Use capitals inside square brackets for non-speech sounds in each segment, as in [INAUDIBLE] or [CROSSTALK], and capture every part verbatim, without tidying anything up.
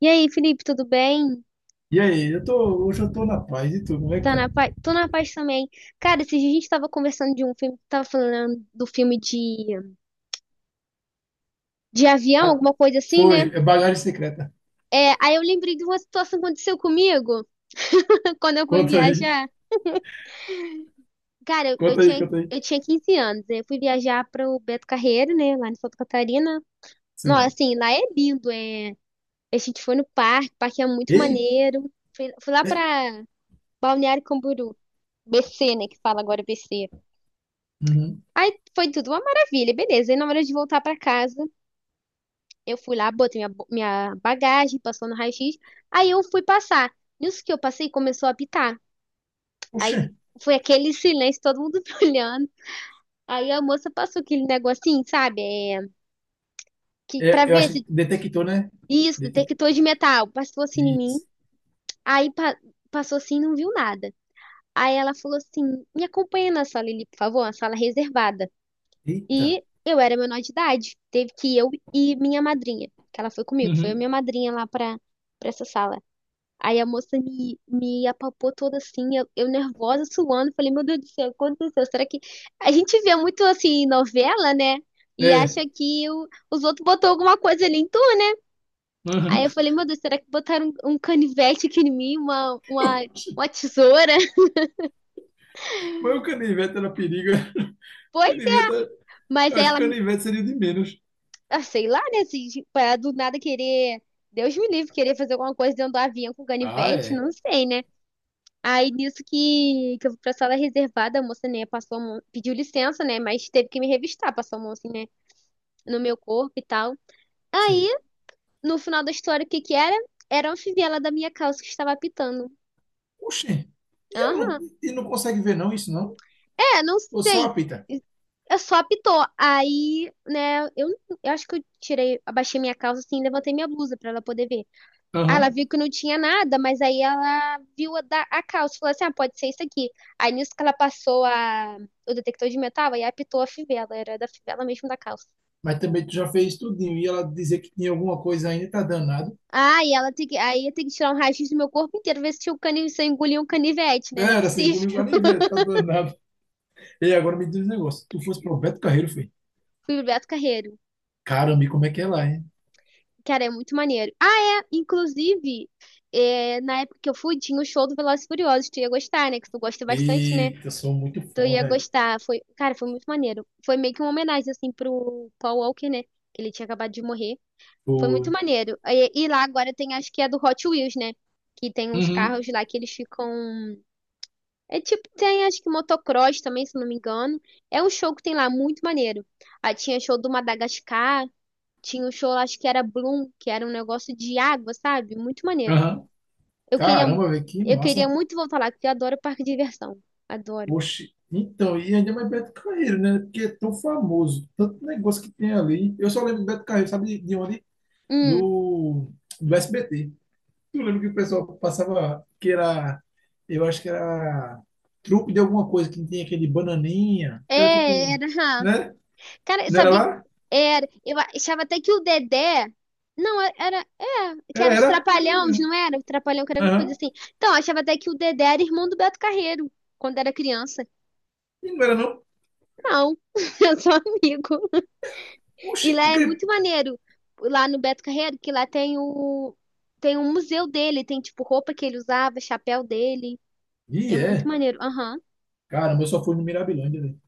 E aí, Felipe, tudo bem? E aí, eu tô, hoje eu tô na paz. E tu, como é que Tá na tá? paz? Tô na paz também. Cara, esses dias a gente tava conversando de um filme, tava falando do filme de, de avião, Ah, alguma coisa assim, né? foi, é bagagem secreta. É, aí eu lembrei de uma situação que aconteceu comigo [LAUGHS] quando eu fui Conta aí, viajar. Cara, eu, eu conta aí, tinha, conta aí. eu tinha quinze anos, né? Eu fui viajar pro Beto Carreiro, né? Lá em Santa Catarina. Não, Sim. assim, lá é lindo, é. A gente foi no parque, o parque é muito Ei, maneiro. Fui, fui lá é, pra Balneário Camboriú, B C, né? Que fala agora B C. uhum. Aí foi tudo uma maravilha, beleza. E na hora de voltar pra casa, eu fui lá, botei minha, bo- minha bagagem, passou no raio-x. Aí eu fui passar. Nisso que eu passei, começou a apitar. Poxa, Aí foi aquele [LAUGHS] silêncio, todo mundo [LAUGHS] me olhando. Aí a moça passou aquele negocinho, sabe? É, que, é, pra eu ver acho que se detectou, né? isso, Detec... detector de metal. Passou assim em mim. Isso. Aí pa- passou assim e não viu nada. Aí ela falou assim: me acompanha na sala ali, por favor, uma sala reservada. Eita. E eu era menor de idade. Teve que ir eu e minha madrinha, que ela foi comigo, foi a Uhum. minha madrinha lá pra, pra essa sala. Aí a moça me, me apalpou toda assim, eu, eu nervosa, suando. Falei, meu Deus do céu, o que aconteceu? Será que. A gente vê muito assim, novela, né? E É. acha que o- os outros botou alguma coisa ali em tudo. Aí Uhum. eu falei, meu Deus, será que botaram um, um canivete aqui em mim, uma, uma, uma [LAUGHS] tesoura? [LAUGHS] Mas o canivete era perigo. [LAUGHS] Foi? Canivete, era- Mas eu aí acho que ela canivete seria de menos. Ah, sei lá, né? Se, para do nada querer. Deus me livre, querer fazer alguma coisa dentro do avião com Ah, canivete, é. não sei, né? Aí nisso que, que eu fui pra sala reservada, a moça, né, passou, a mão- pediu licença, né? Mas teve que me revistar, passou a mão assim, né, no meu corpo e tal. Aí, Sim. no final da história, o que que era? Era uma fivela da minha calça que estava apitando. Poxa, e ela não, Aham. e não consegue ver não isso, não? É, não Ou só sei. apita? Eu só apitou. Aí, né, eu, eu acho que eu tirei, abaixei minha calça assim, e levantei minha blusa pra ela poder ver. Aí ela viu que não tinha nada, mas aí ela viu a, da- a calça e falou assim: ah, pode ser isso aqui. Aí nisso que ela passou a- o detector de metal, aí apitou a fivela, era da fivela mesmo da calça. mas também tu já fez tudinho. E ela dizer que tinha alguma coisa ainda, tá danado. Ah, e ela tem que, aí eu tenho que tirar um raio do meu corpo inteiro, ver se, tinha um cani, se eu engoli um canivete, né? Não é Era assim, engoliu lá possível. [LAUGHS] nem ver, tá danado. E agora me diz um negócio: se tu fosse pro Beto Carreiro, filho, Fui pro Beto Carreiro. caramba, e como é que é lá, hein? Cara, é muito maneiro. Ah, é, inclusive, é, na época que eu fui, tinha o show do Velozes e Furiosos. Tu ia gostar, né? Que tu gosta bastante, né? Eita, eu sou muito Tu fã, ia velho. gostar. Foi, cara, foi muito maneiro. Foi meio que uma homenagem, assim, pro Paul Walker, né? Que ele tinha acabado de morrer. Foi muito Pô. maneiro. E, e lá agora tem, acho que é do Hot Wheels, né? Que tem uns Uhum, carros lá que eles ficam. É tipo, tem acho que motocross também, se não me engano. É um show que tem lá, muito maneiro. Aí tinha show do Madagascar, tinha um show, acho que era Bloom, que era um negócio de água, sabe? Muito maneiro. aham. Eu queria, Caramba, velho, que eu queria massa. muito voltar lá, porque eu adoro parque de diversão. Adoro. Oxe. Então, e ainda mais Beto Carreiro, né? Porque é tão famoso, tanto negócio que tem ali. Eu só lembro de Beto Carreiro, sabe de de onde? Hum, Do, do S B T. Eu lembro que o pessoal passava, que era, eu acho que era trupe de alguma coisa, que tem aquele bananinha, que era tipo, é, um- era. né? Cara, eu Não era sabia. lá? Era, eu achava até que o Dedé. Não, é, era. É, É, que era. era os Era Trapalhões, mesmo. não era? O Trapalhão, que era alguma coisa Aham. assim. Então, eu achava até que o Dedé era irmão do Beto Carreiro, quando era criança. E não era não. Não, [LAUGHS] eu sou amigo. Oxi, E lá é porque... muito maneiro, lá no Beto Carreiro, que lá tem o. Tem um museu dele, tem tipo roupa que ele usava, chapéu dele. É Ih, muito é. maneiro. Aham. Caramba, eu só fui no Mirabilândia, velho.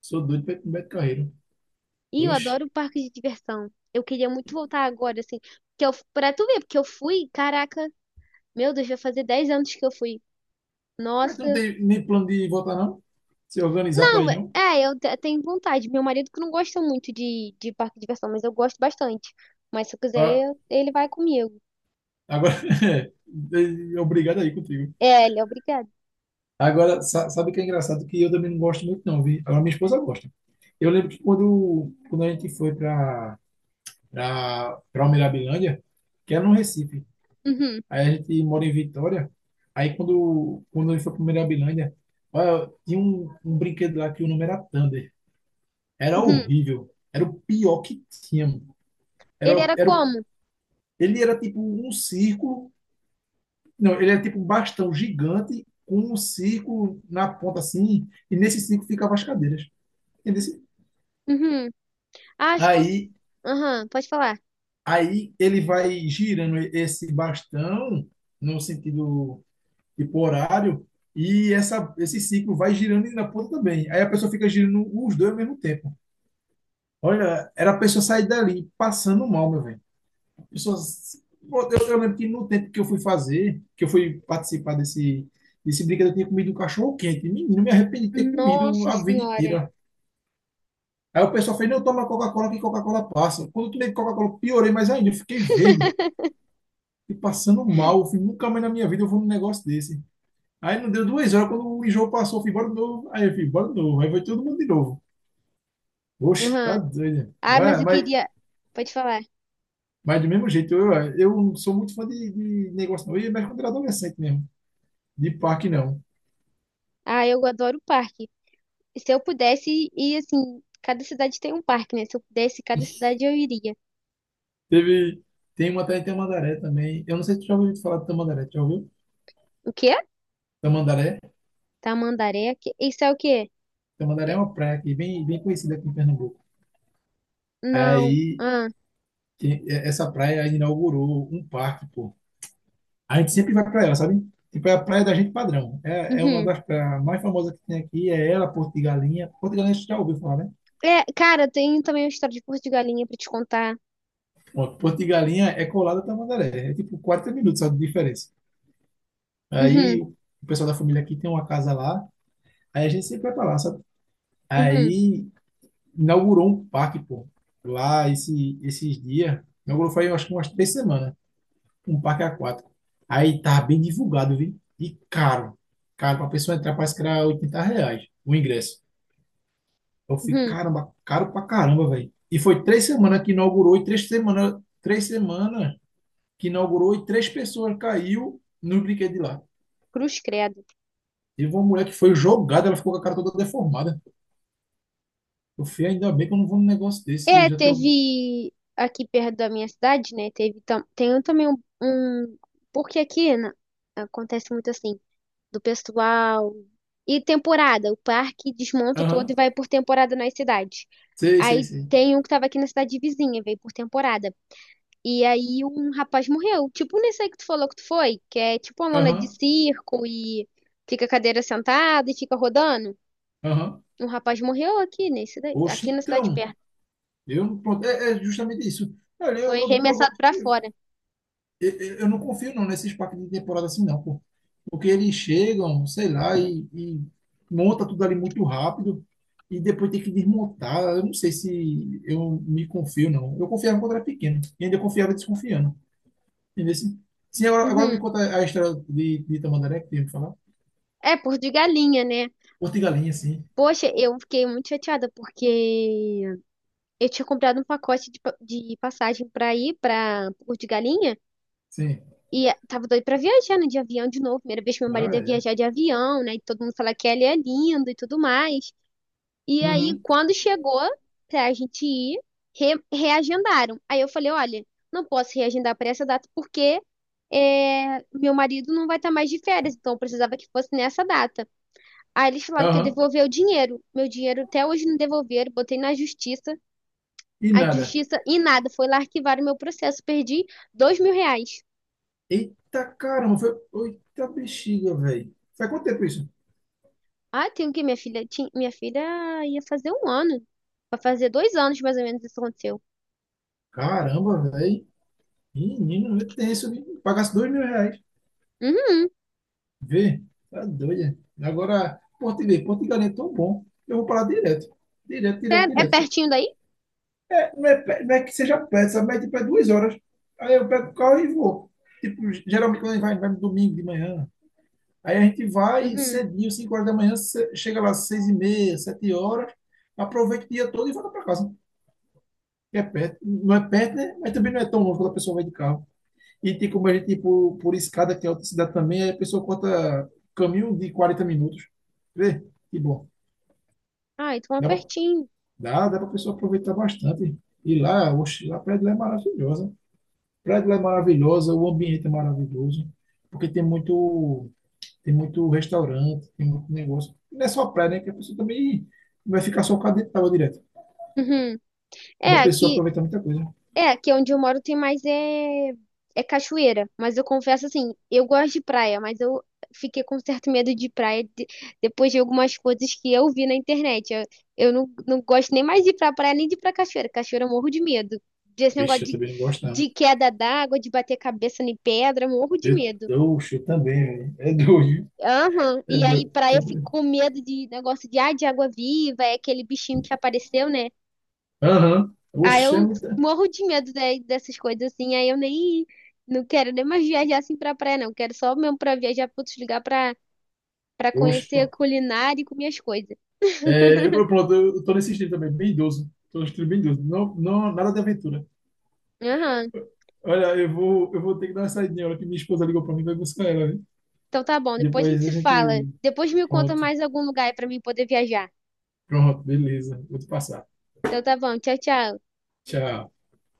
Sou doido pra ir pro Beto Carreiro. E eu Oxi. adoro parque de diversão. Eu queria muito voltar agora, assim. Que eu, pra tu ver, porque eu fui, caraca. Meu Deus, vai fazer dez anos que eu fui. Mas tu não Nossa. tem nem plano de voltar, não? Se organizar pra Não, ir, não? é, eu te- tenho vontade. Meu marido que não gosta muito de, de parque de diversão, mas eu gosto bastante. Mas se eu quiser, Ah, eu- ele vai comigo. agora, [LAUGHS] obrigado aí contigo. É, ele é obrigado. Agora, sa- sabe o que é engraçado? Que eu também não gosto muito, não, vi? Agora, minha esposa gosta. Eu lembro que quando, quando a gente foi para para Mirabilândia que era no Recife, Uhum, aí a gente mora em Vitória, aí quando, quando a gente foi para Mirabilândia, olha, tinha um, um brinquedo lá que o nome era Thunder. Era uhum. horrível. Era o pior que tinha, mano. Era, Ele era era, o- como? ele era tipo um círculo, não, ele era tipo um bastão gigante com um círculo na ponta assim, e nesse círculo ficavam as cadeiras. Uhum. Ah, Acho que eu. Aí, Aham, pode falar. aí ele vai girando esse bastão no sentido tipo horário e essa, esse ciclo vai girando e na ponta também. Aí a pessoa fica girando os dois ao mesmo tempo. Olha, era a pessoa sair dali passando mal, meu velho. A pessoa- Eu, eu lembro que no tempo que eu fui fazer, que eu fui participar desse, desse brinquedo, eu tinha comido um cachorro quente. Menino, me arrependi de ter comido Nossa a vida Senhora. inteira. Aí o pessoal fez, não, toma Coca-Cola que Coca-Cola passa. Quando eu tomei Coca-Cola, piorei mais ainda, eu fiquei verde. [LAUGHS] E passando mal, eu fui, nunca mais na minha vida eu vou num negócio desse. Aí não deu duas horas, quando o enjoo passou, eu fui embora de novo. Aí eu fui embora de novo. Aí foi todo mundo de novo. Oxe, tá Aham. doido, Ah, né? mas É, eu mas, queria. Pode falar. mas do mesmo jeito, eu, eu não sou muito fã de, de negócio, não. Eu ia mais quando era adolescente mesmo. De parque, não. Ah, eu adoro o parque. Se eu pudesse ir, assim, cada cidade tem um parque, né? Se eu pudesse, cada cidade eu iria. Teve, tem uma até em Tamandaré também. Eu não sei se tu já ouviu falar de Tamandaré. Tu Já ouviu? O que Tamandaré? Tamandaré. que- Isso é o quê? Tamandaré é Eu- uma praia aqui, bem, bem conhecida aqui em Pernambuco. Não. Aí, Ah, que- essa praia inaugurou um parque, pô. A gente sempre vai para ela, sabe? Tipo, é a praia da gente padrão. É, é uma uhum. das praias mais famosas que tem aqui, é ela, Porto de Galinha. Porto de Galinha você já ouviu falar, né? É, cara, tem também uma história de curso de galinha pra te contar. Pronto, Porto de Galinha é colada a Tamandaré. É tipo quarenta minutos só de diferença. Aí Uhum, o pessoal da família aqui tem uma casa lá, aí a gente sempre vai pra lá, sabe? uhum, Aí inaugurou um parque, pô, lá esse, esses dias. Inaugurou faz, eu acho que umas três semanas, um parque aquático. Aí tá bem divulgado, viu? E caro. Caro, pra pessoa entrar parece que era oitenta reais o ingresso. Eu fiquei, uhum. caramba, caro pra caramba, velho. E foi três semanas que inaugurou e três semanas, três semanas que inaugurou e três pessoas caiu no brinquedo de lá. Cruz credo. Teve uma mulher que foi jogada, ela ficou com a cara toda deformada. Eu fui, ainda bem que eu não vou num negócio desse, eu É, já tenho. teve aqui perto da minha cidade, né? Teve tam... tem também um, um- Porque aqui na- acontece muito assim, do pessoal. E temporada, o parque desmonta todo e Aham, vai por temporada nas cidades. sei, sei, Aí sei. tem um que tava aqui na cidade vizinha, veio por temporada. E aí um rapaz morreu. Tipo nesse aí que tu falou que tu foi, que é tipo uma lona de Aham, circo e fica a cadeira sentada e fica rodando. aham. Um rapaz morreu aqui nesse daí- Oxe, aqui na cidade então. perto. Eu, pronto, é, é, justamente isso. Olha, eu, Foi eu, eu arremessado pra gosto. fora. eu, eu não confio não nesses parques de temporada assim não, pô. Porque eles chegam, sei lá, e, e monta tudo ali muito rápido e depois tem que desmontar. Eu não sei se eu me confio não. Eu confiava quando era pequeno e ainda confiava desconfiando. Entendeu? Sim, Sim, agora, agora me Uhum. conta a história de, de Tamandaré que tem que falar. É, por de galinha, né? Porto e Galinha, sim. Poxa, eu fiquei muito chateada porque eu tinha comprado um pacote de, pa- de passagem pra ir pra Porto de Galinha Sim. e tava doido pra viajar, né, de avião de novo. Primeira vez que meu Ah, marido ia é. viajar de avião, né? E todo mundo fala que ele é lindo e tudo mais. E aí, Uhum. quando chegou pra gente ir, re- reagendaram. Aí eu falei, olha, não posso reagendar para essa data porque é, meu marido não vai estar mais de férias, então eu precisava que fosse nessa data. Aí eles falaram que ia Aham. devolver o dinheiro. Meu dinheiro até hoje não devolveram, botei na justiça. E A nada. justiça e nada, foi lá arquivar o meu processo, perdi dois mil reais. Eita caramba, foi. Eita bexiga, velho. Faz quanto tempo isso? Ah, tem o que minha filha? Tinha, minha filha ia fazer um ano, vai fazer dois anos mais ou menos isso aconteceu. Caramba, velho. Menino, tem tenso, viu? pagasse dois mil reais. Uhum. Vê, tá doida. Agora, português, português é tão bom. Eu vou para lá direto. Direto, direto, É, é direto. pertinho daí? É, não, é, pe- não é que seja perto, sabe? Mas tipo, é duas horas. Aí eu pego o carro e vou. Tipo, geralmente quando a gente vai, vai no domingo de manhã. Aí a gente vai Uhum. cedinho, cinco horas da manhã, ce- chega lá às seis e meia, sete horas, aproveita o dia todo e volta para casa. Que é perto. Não é perto, né? Mas também não é tão longe quando a pessoa vai de carro. E tem como a gente ir por, por escada, que é outra cidade também, aí a pessoa corta caminho de quarenta minutos. Vê? Que bom. Ah, então é Dá pra, pertinho. dá, dá pra pessoa aproveitar bastante. E lá, oxe, lá a praia de lá é maravilhosa. A praia de lá é maravilhosa, o ambiente é maravilhoso, porque tem muito, tem muito restaurante, tem muito negócio. Não é só a praia, né? Que a pessoa também não vai ficar só com a dentro d'água direto. Uhum. Dá É, pra pessoa aqui, aproveitar muita coisa. é, aqui onde eu moro tem mais é, é cachoeira. Mas eu confesso assim, eu gosto de praia, mas eu fiquei com certo medo de praia de- depois de algumas coisas que eu vi na internet. Eu, eu não, não gosto nem mais de ir pra praia, nem de ir pra cachoeira. Cachoeira eu morro de medo. Desse negócio Vixe, eu de, também não gosto, não. de queda d'água, de bater cabeça em pedra, eu morro de medo. Eu, oxe, eu também, velho. É doido. Aham. É E aí doido. praia É eu fico doido. com medo de negócio de, ah, de água viva, é aquele bichinho que apareceu, né? Aham. Aí eu Oxe, é muita. morro de medo de- dessas coisas assim, aí eu nem não quero nem mais viajar assim pra praia, não. Quero só mesmo pra viajar pra outros lugares pra, pra Oxe, conhecer a pronto. culinária e comer as coisas. É, eu, pronto, eu eu tô nesse estilo também, bem idoso. Tô no estilo bem idoso. Não, não, nada de aventura. Aham. Olha, eu vou, eu vou ter que dar uma saidinha. A hora que minha esposa ligou pra mim, vai buscar ela, né? Então tá bom, depois a gente Depois a se fala. gente. Depois me conta Pronto. mais algum lugar aí pra mim poder viajar. Pronto, beleza. Vou te passar. Então tá bom, tchau, tchau. Tchau.